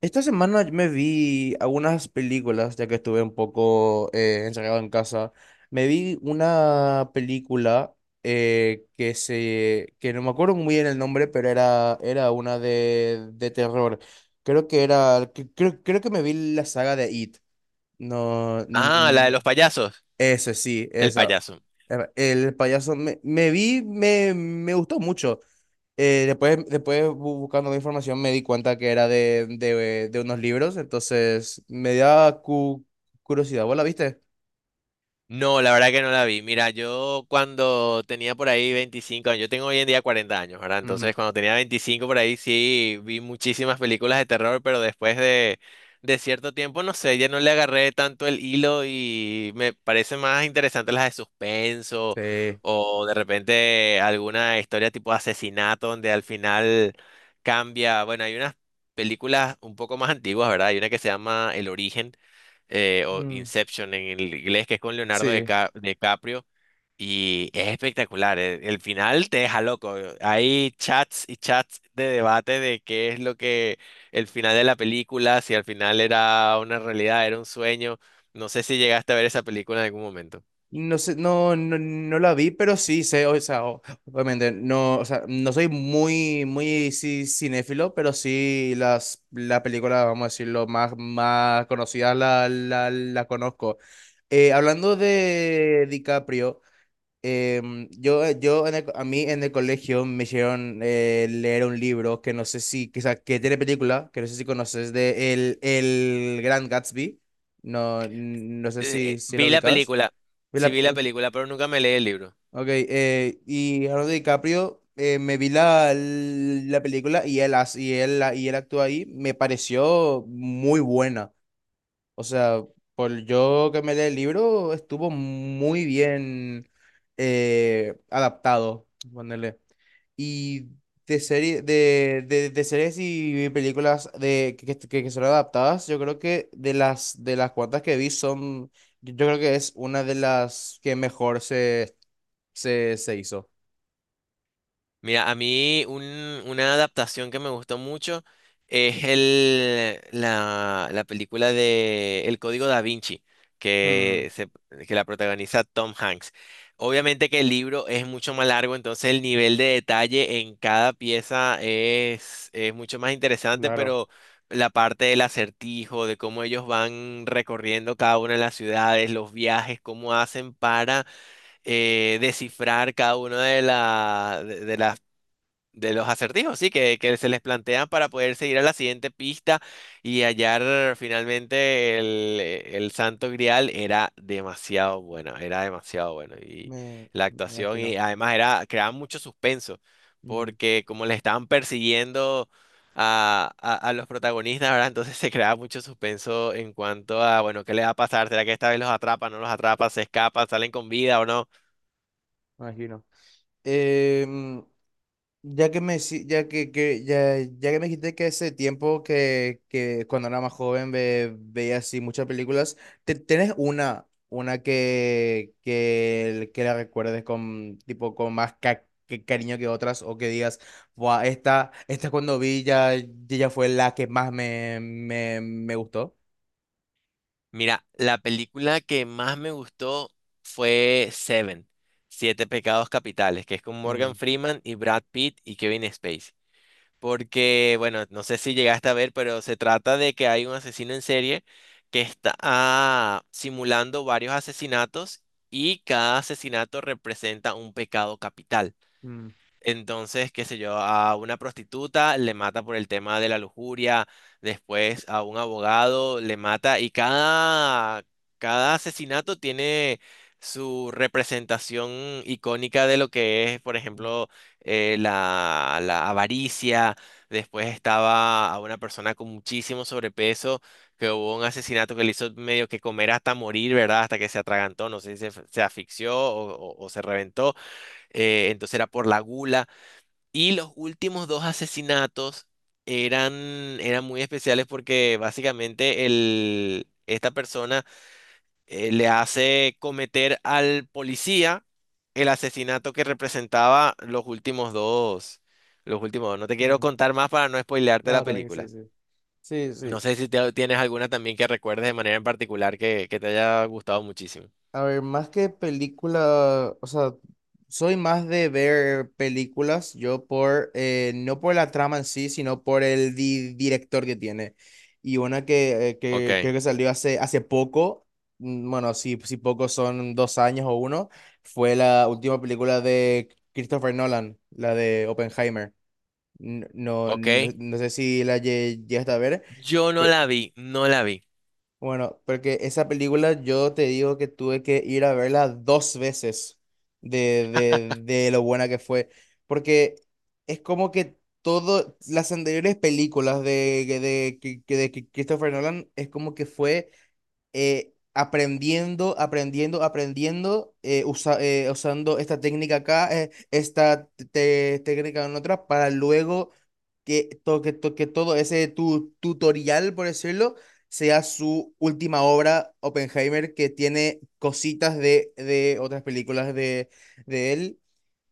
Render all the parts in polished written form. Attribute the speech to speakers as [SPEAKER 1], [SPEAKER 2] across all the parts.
[SPEAKER 1] Esta semana me vi algunas películas, ya que estuve un poco encerrado en casa. Me vi una película que no me acuerdo muy bien el nombre, pero era una de terror. Creo que creo que me vi la saga de It. No,
[SPEAKER 2] Ah, la de los payasos.
[SPEAKER 1] eso sí,
[SPEAKER 2] El
[SPEAKER 1] esa.
[SPEAKER 2] payaso.
[SPEAKER 1] El payaso me vi, me gustó mucho. Después buscando la información me di cuenta que era de unos libros, entonces me da curiosidad. ¿Vos la viste?
[SPEAKER 2] No, la verdad que no la vi. Mira, yo cuando tenía por ahí 25, años, yo tengo hoy en día 40 años, ¿verdad?
[SPEAKER 1] Ujú.
[SPEAKER 2] Entonces, cuando tenía 25 por ahí, sí, vi muchísimas películas de terror, pero después de cierto tiempo, no sé, ya no le agarré tanto el hilo y me parecen más interesantes las de suspenso
[SPEAKER 1] Sí.
[SPEAKER 2] o de repente alguna historia tipo asesinato donde al final cambia. Bueno, hay unas películas un poco más antiguas, ¿verdad? Hay una que se llama El Origen o
[SPEAKER 1] Mm,
[SPEAKER 2] Inception en el inglés, que es con
[SPEAKER 1] sí.
[SPEAKER 2] DiCaprio, y es espectacular. El final te deja loco. Hay chats y chats de debate de qué es lo que el final de la película, si al final era una realidad, era un sueño. No sé si llegaste a ver esa película en algún momento.
[SPEAKER 1] No sé, no la vi, pero sí sé, o sea, obviamente, no, o sea, no soy muy cinéfilo, pero sí la película, vamos a decirlo, más conocida la conozco. Hablando de DiCaprio, yo en el a mí en el colegio me hicieron leer un libro que no sé si, que, o sea, que tiene película, que no sé si conoces, de el Gran Gatsby. No, no sé si, si lo
[SPEAKER 2] Vi la
[SPEAKER 1] ubicas.
[SPEAKER 2] película, sí vi la
[SPEAKER 1] Ok,
[SPEAKER 2] película, pero nunca me leí el libro.
[SPEAKER 1] ok, y Leonardo DiCaprio, me vi la película y él, hace- y él actúa ahí, me pareció muy buena. O sea, por yo que me leí el libro, estuvo muy bien adaptado, ponerle. Y de serie, de series y películas que son adaptadas, yo creo que de de las cuantas que vi son, yo creo que es una de las que mejor se hizo.
[SPEAKER 2] Mira, una adaptación que me gustó mucho es la película de El Código Da Vinci,
[SPEAKER 1] Hmm,
[SPEAKER 2] que, se- que la protagoniza Tom Hanks. Obviamente que el libro es mucho más largo, entonces el nivel de detalle en cada pieza es mucho más interesante,
[SPEAKER 1] claro,
[SPEAKER 2] pero la parte del acertijo, de cómo ellos van recorriendo cada una de las ciudades, los viajes, cómo hacen para descifrar cada una de las de los acertijos, sí, que se les plantean para poder seguir a la siguiente pista y hallar finalmente el Santo Grial era demasiado buena, era demasiado bueno. Y la
[SPEAKER 1] me
[SPEAKER 2] actuación, y
[SPEAKER 1] imagino.
[SPEAKER 2] además era, creaba mucho suspenso,
[SPEAKER 1] Ujú, me
[SPEAKER 2] porque como le estaban persiguiendo a los protagonistas, ¿verdad? Entonces se creaba mucho suspenso en cuanto a, bueno, ¿qué le va a pasar? ¿Será que esta vez los atrapa, no los atrapa, se escapa, salen con vida o no?
[SPEAKER 1] imagino. Em, Ya que me, si- ya que- ya, ya que me dijiste que ese tiempo que cuando era más joven veía así muchas películas, ¿tenés una que la recuerdes con, tipo, con más que cariño que otras? ¿O que digas, buah, esta cuando vi ya, ya fue la que más me gustó?
[SPEAKER 2] Mira, la película que más me gustó fue Seven, Siete Pecados Capitales, que es con Morgan
[SPEAKER 1] Mm,
[SPEAKER 2] Freeman y Brad Pitt y Kevin Spacey. Porque, bueno, no sé si llegaste a ver, pero se trata de que hay un asesino en serie que está simulando varios asesinatos y cada asesinato representa un pecado capital.
[SPEAKER 1] mm,
[SPEAKER 2] Entonces, qué sé yo, a una prostituta le mata por el tema de la lujuria, después a un abogado le mata y cada asesinato tiene su representación icónica de lo que es, por ejemplo, la avaricia, después estaba a una persona con muchísimo sobrepeso, que hubo un asesinato que le hizo medio que comer hasta morir, ¿verdad? Hasta que se atragantó, no sé si se asfixió o se reventó, entonces era por la gula. Y los últimos dos asesinatos eran, eran muy especiales porque básicamente esta persona le hace cometer al policía el asesinato que representaba los últimos dos. Los últimos dos. No te quiero
[SPEAKER 1] mm.
[SPEAKER 2] contar más para no spoilearte la
[SPEAKER 1] No, también que sí,
[SPEAKER 2] película.
[SPEAKER 1] sí. Sí,
[SPEAKER 2] No
[SPEAKER 1] sí.
[SPEAKER 2] sé si tienes alguna también que recuerdes de manera en particular que te haya gustado muchísimo.
[SPEAKER 1] A ver, más que película, o sea, soy más de ver películas, yo por, no por la trama en sí, sino por el director que tiene. Y una
[SPEAKER 2] Ok,
[SPEAKER 1] que creo que salió hace poco, mm, bueno, si, si poco son dos años o uno, fue la última película de Christopher Nolan, la de Oppenheimer. No,
[SPEAKER 2] ok.
[SPEAKER 1] no sé si la llegaste a ver.
[SPEAKER 2] Yo no la vi, no la vi.
[SPEAKER 1] Bueno, porque esa película yo te digo que tuve que ir a verla dos veces de lo buena que fue, porque es como que todas las anteriores películas de que Christopher Nolan es como que fue aprendiendo, usando esta técnica acá, esta técnica en otra, para luego que todo ese tutorial, por decirlo, sea su última obra, Oppenheimer, que tiene cositas de otras películas de él.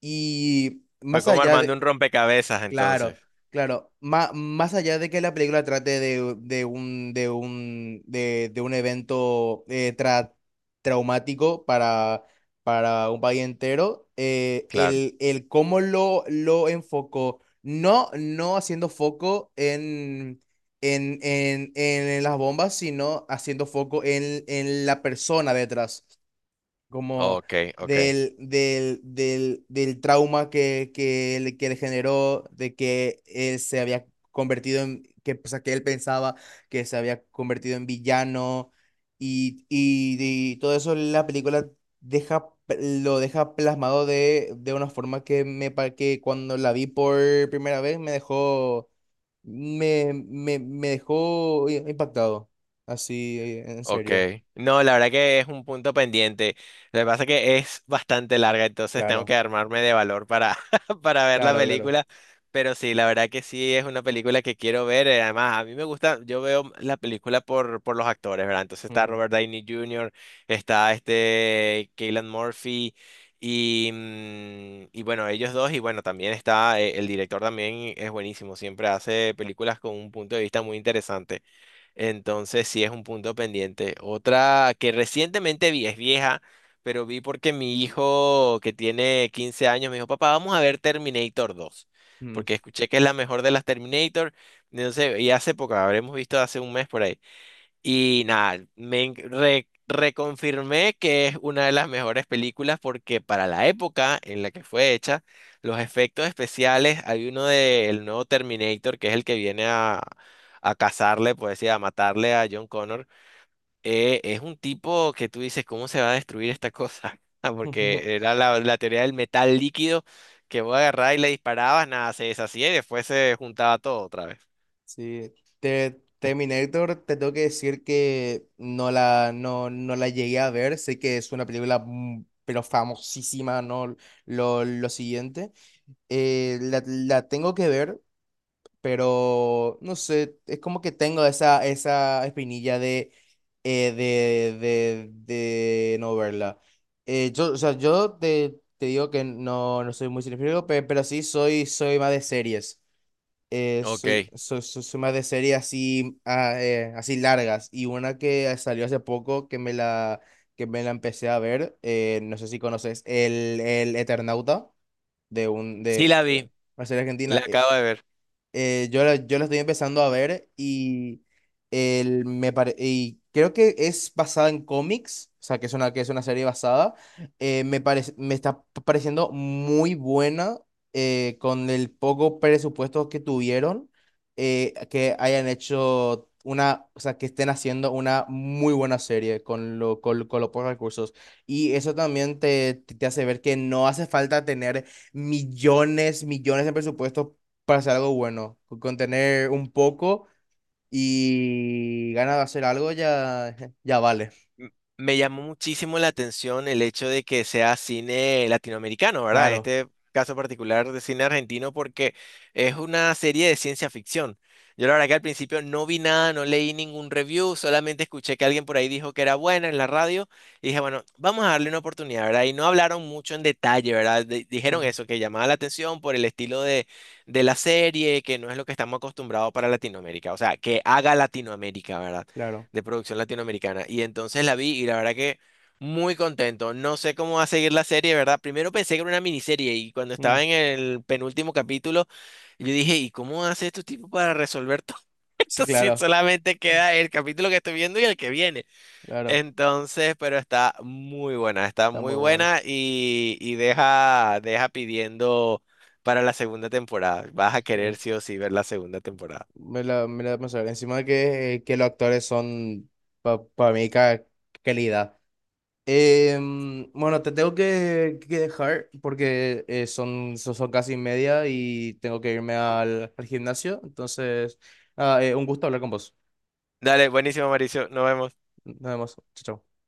[SPEAKER 1] Y
[SPEAKER 2] Fue
[SPEAKER 1] más
[SPEAKER 2] como
[SPEAKER 1] allá
[SPEAKER 2] armando
[SPEAKER 1] de,
[SPEAKER 2] un rompecabezas entonces.
[SPEAKER 1] claro, claro. Más allá de que la película trate de un evento traumático para un país entero,
[SPEAKER 2] Claro.
[SPEAKER 1] el cómo lo enfocó, no, no haciendo foco en las bombas, sino haciendo foco en la persona detrás como
[SPEAKER 2] Ok, ok,
[SPEAKER 1] del trauma que le generó, de que él se había convertido en, que, o sea, que él pensaba que se había convertido en villano y, y, y todo eso la película deja, lo deja plasmado de una forma que, que cuando la vi por primera vez me dejó, me dejó impactado, así, en
[SPEAKER 2] ok.
[SPEAKER 1] serio,
[SPEAKER 2] No, la verdad que es un punto pendiente. Lo que pasa es que es bastante larga, entonces tengo
[SPEAKER 1] claro,
[SPEAKER 2] que armarme de valor para, para ver la
[SPEAKER 1] claro, claro.
[SPEAKER 2] película. Pero sí, la verdad que sí es una película que quiero ver. Además, a mí me gusta, yo veo la película por los actores, ¿verdad? Entonces está
[SPEAKER 1] Ujú,
[SPEAKER 2] Robert Downey Jr., está este Keylan Murphy y, mm, y bueno, ellos dos. Y bueno, también está el director también es buenísimo, siempre hace películas con un punto de vista muy interesante. Entonces sí es un punto pendiente. Otra que recientemente vi, es vieja, pero vi porque mi hijo que tiene 15 años me dijo, papá, vamos a ver Terminator 2
[SPEAKER 1] ujú.
[SPEAKER 2] porque escuché que es la mejor de las Terminator. Entonces, y hace poco, habremos visto hace un mes por ahí. Y nada, reconfirmé que es una de las mejores películas porque para la época en la que fue hecha, los efectos especiales, hay uno del nuevo Terminator, que es el que viene a cazarle, pues sí, a matarle a John Connor, es un tipo que tú dices, ¿cómo se va a destruir esta cosa? Ah, porque era la teoría del metal líquido que voy a agarrar y le disparabas, nada, se deshacía y después se juntaba todo otra vez.
[SPEAKER 1] Sí, te, Terminator, te tengo que decir que no no la llegué a ver, sé que es una película mm, pero famosísima, ¿no? Lo siguiente. La tengo que ver, pero no sé, es como que tengo esa espinilla de, de no verla. O sea, yo te, te digo que no, no soy muy cinéfilo, pero sí soy, soy más de series.
[SPEAKER 2] Ok.
[SPEAKER 1] Soy más de series así, así largas. Y una que salió hace poco que me que me la empecé a ver, no sé si conoces, el Eternauta, de un, de
[SPEAKER 2] Sí la vi,
[SPEAKER 1] una serie argentina.
[SPEAKER 2] la acabo de ver.
[SPEAKER 1] Yo yo la estoy empezando a ver y, el, y creo que es basada en cómics, o sea, que es una serie basada. Me está pareciendo muy buena con el poco presupuesto que tuvieron, que hayan hecho una, o sea, que estén haciendo una muy buena serie con con los pocos recursos. Y eso también te hace ver que no hace falta tener millones, millones de presupuestos para hacer algo bueno. Con tener un poco y ganas de hacer algo ya, ya vale.
[SPEAKER 2] M- Me llamó muchísimo la atención el hecho de que sea cine latinoamericano, ¿verdad? En
[SPEAKER 1] Claro,
[SPEAKER 2] este caso particular de cine argentino, porque es una serie de ciencia ficción. Yo la verdad que al principio no vi nada, no leí ningún review, solamente escuché que alguien por ahí dijo que era buena en la radio y dije, bueno, vamos a darle una oportunidad, ¿verdad? Y no hablaron mucho en detalle, ¿verdad? Dijeron
[SPEAKER 1] mm,
[SPEAKER 2] eso, que llamaba la atención por el estilo de la serie, que no es lo que estamos acostumbrados para Latinoamérica, o sea, que haga Latinoamérica, ¿verdad?
[SPEAKER 1] claro.
[SPEAKER 2] De producción latinoamericana. Y entonces la vi y la verdad que muy contento. No sé cómo va a seguir la serie, ¿verdad? Primero pensé que era una miniserie y cuando
[SPEAKER 1] Mm,
[SPEAKER 2] estaba en el penúltimo capítulo, yo dije, ¿y cómo hace estos tipos para resolver todo
[SPEAKER 1] sí,
[SPEAKER 2] esto si
[SPEAKER 1] claro,
[SPEAKER 2] solamente queda el capítulo que estoy viendo y el que viene?
[SPEAKER 1] claro.
[SPEAKER 2] Entonces, pero está
[SPEAKER 1] Está
[SPEAKER 2] muy
[SPEAKER 1] muy bueno.
[SPEAKER 2] buena y deja, deja pidiendo para la segunda temporada. Vas a querer
[SPEAKER 1] Sí.
[SPEAKER 2] sí o sí ver la segunda temporada.
[SPEAKER 1] Me me la pensé. Encima de que los actores son para mí calidad. Bueno, te tengo que dejar porque son casi media y tengo que irme al gimnasio. Entonces, nada, un gusto hablar con vos.
[SPEAKER 2] Dale, buenísimo, Mauricio. Nos vemos.
[SPEAKER 1] Nada más. Chao. Chao.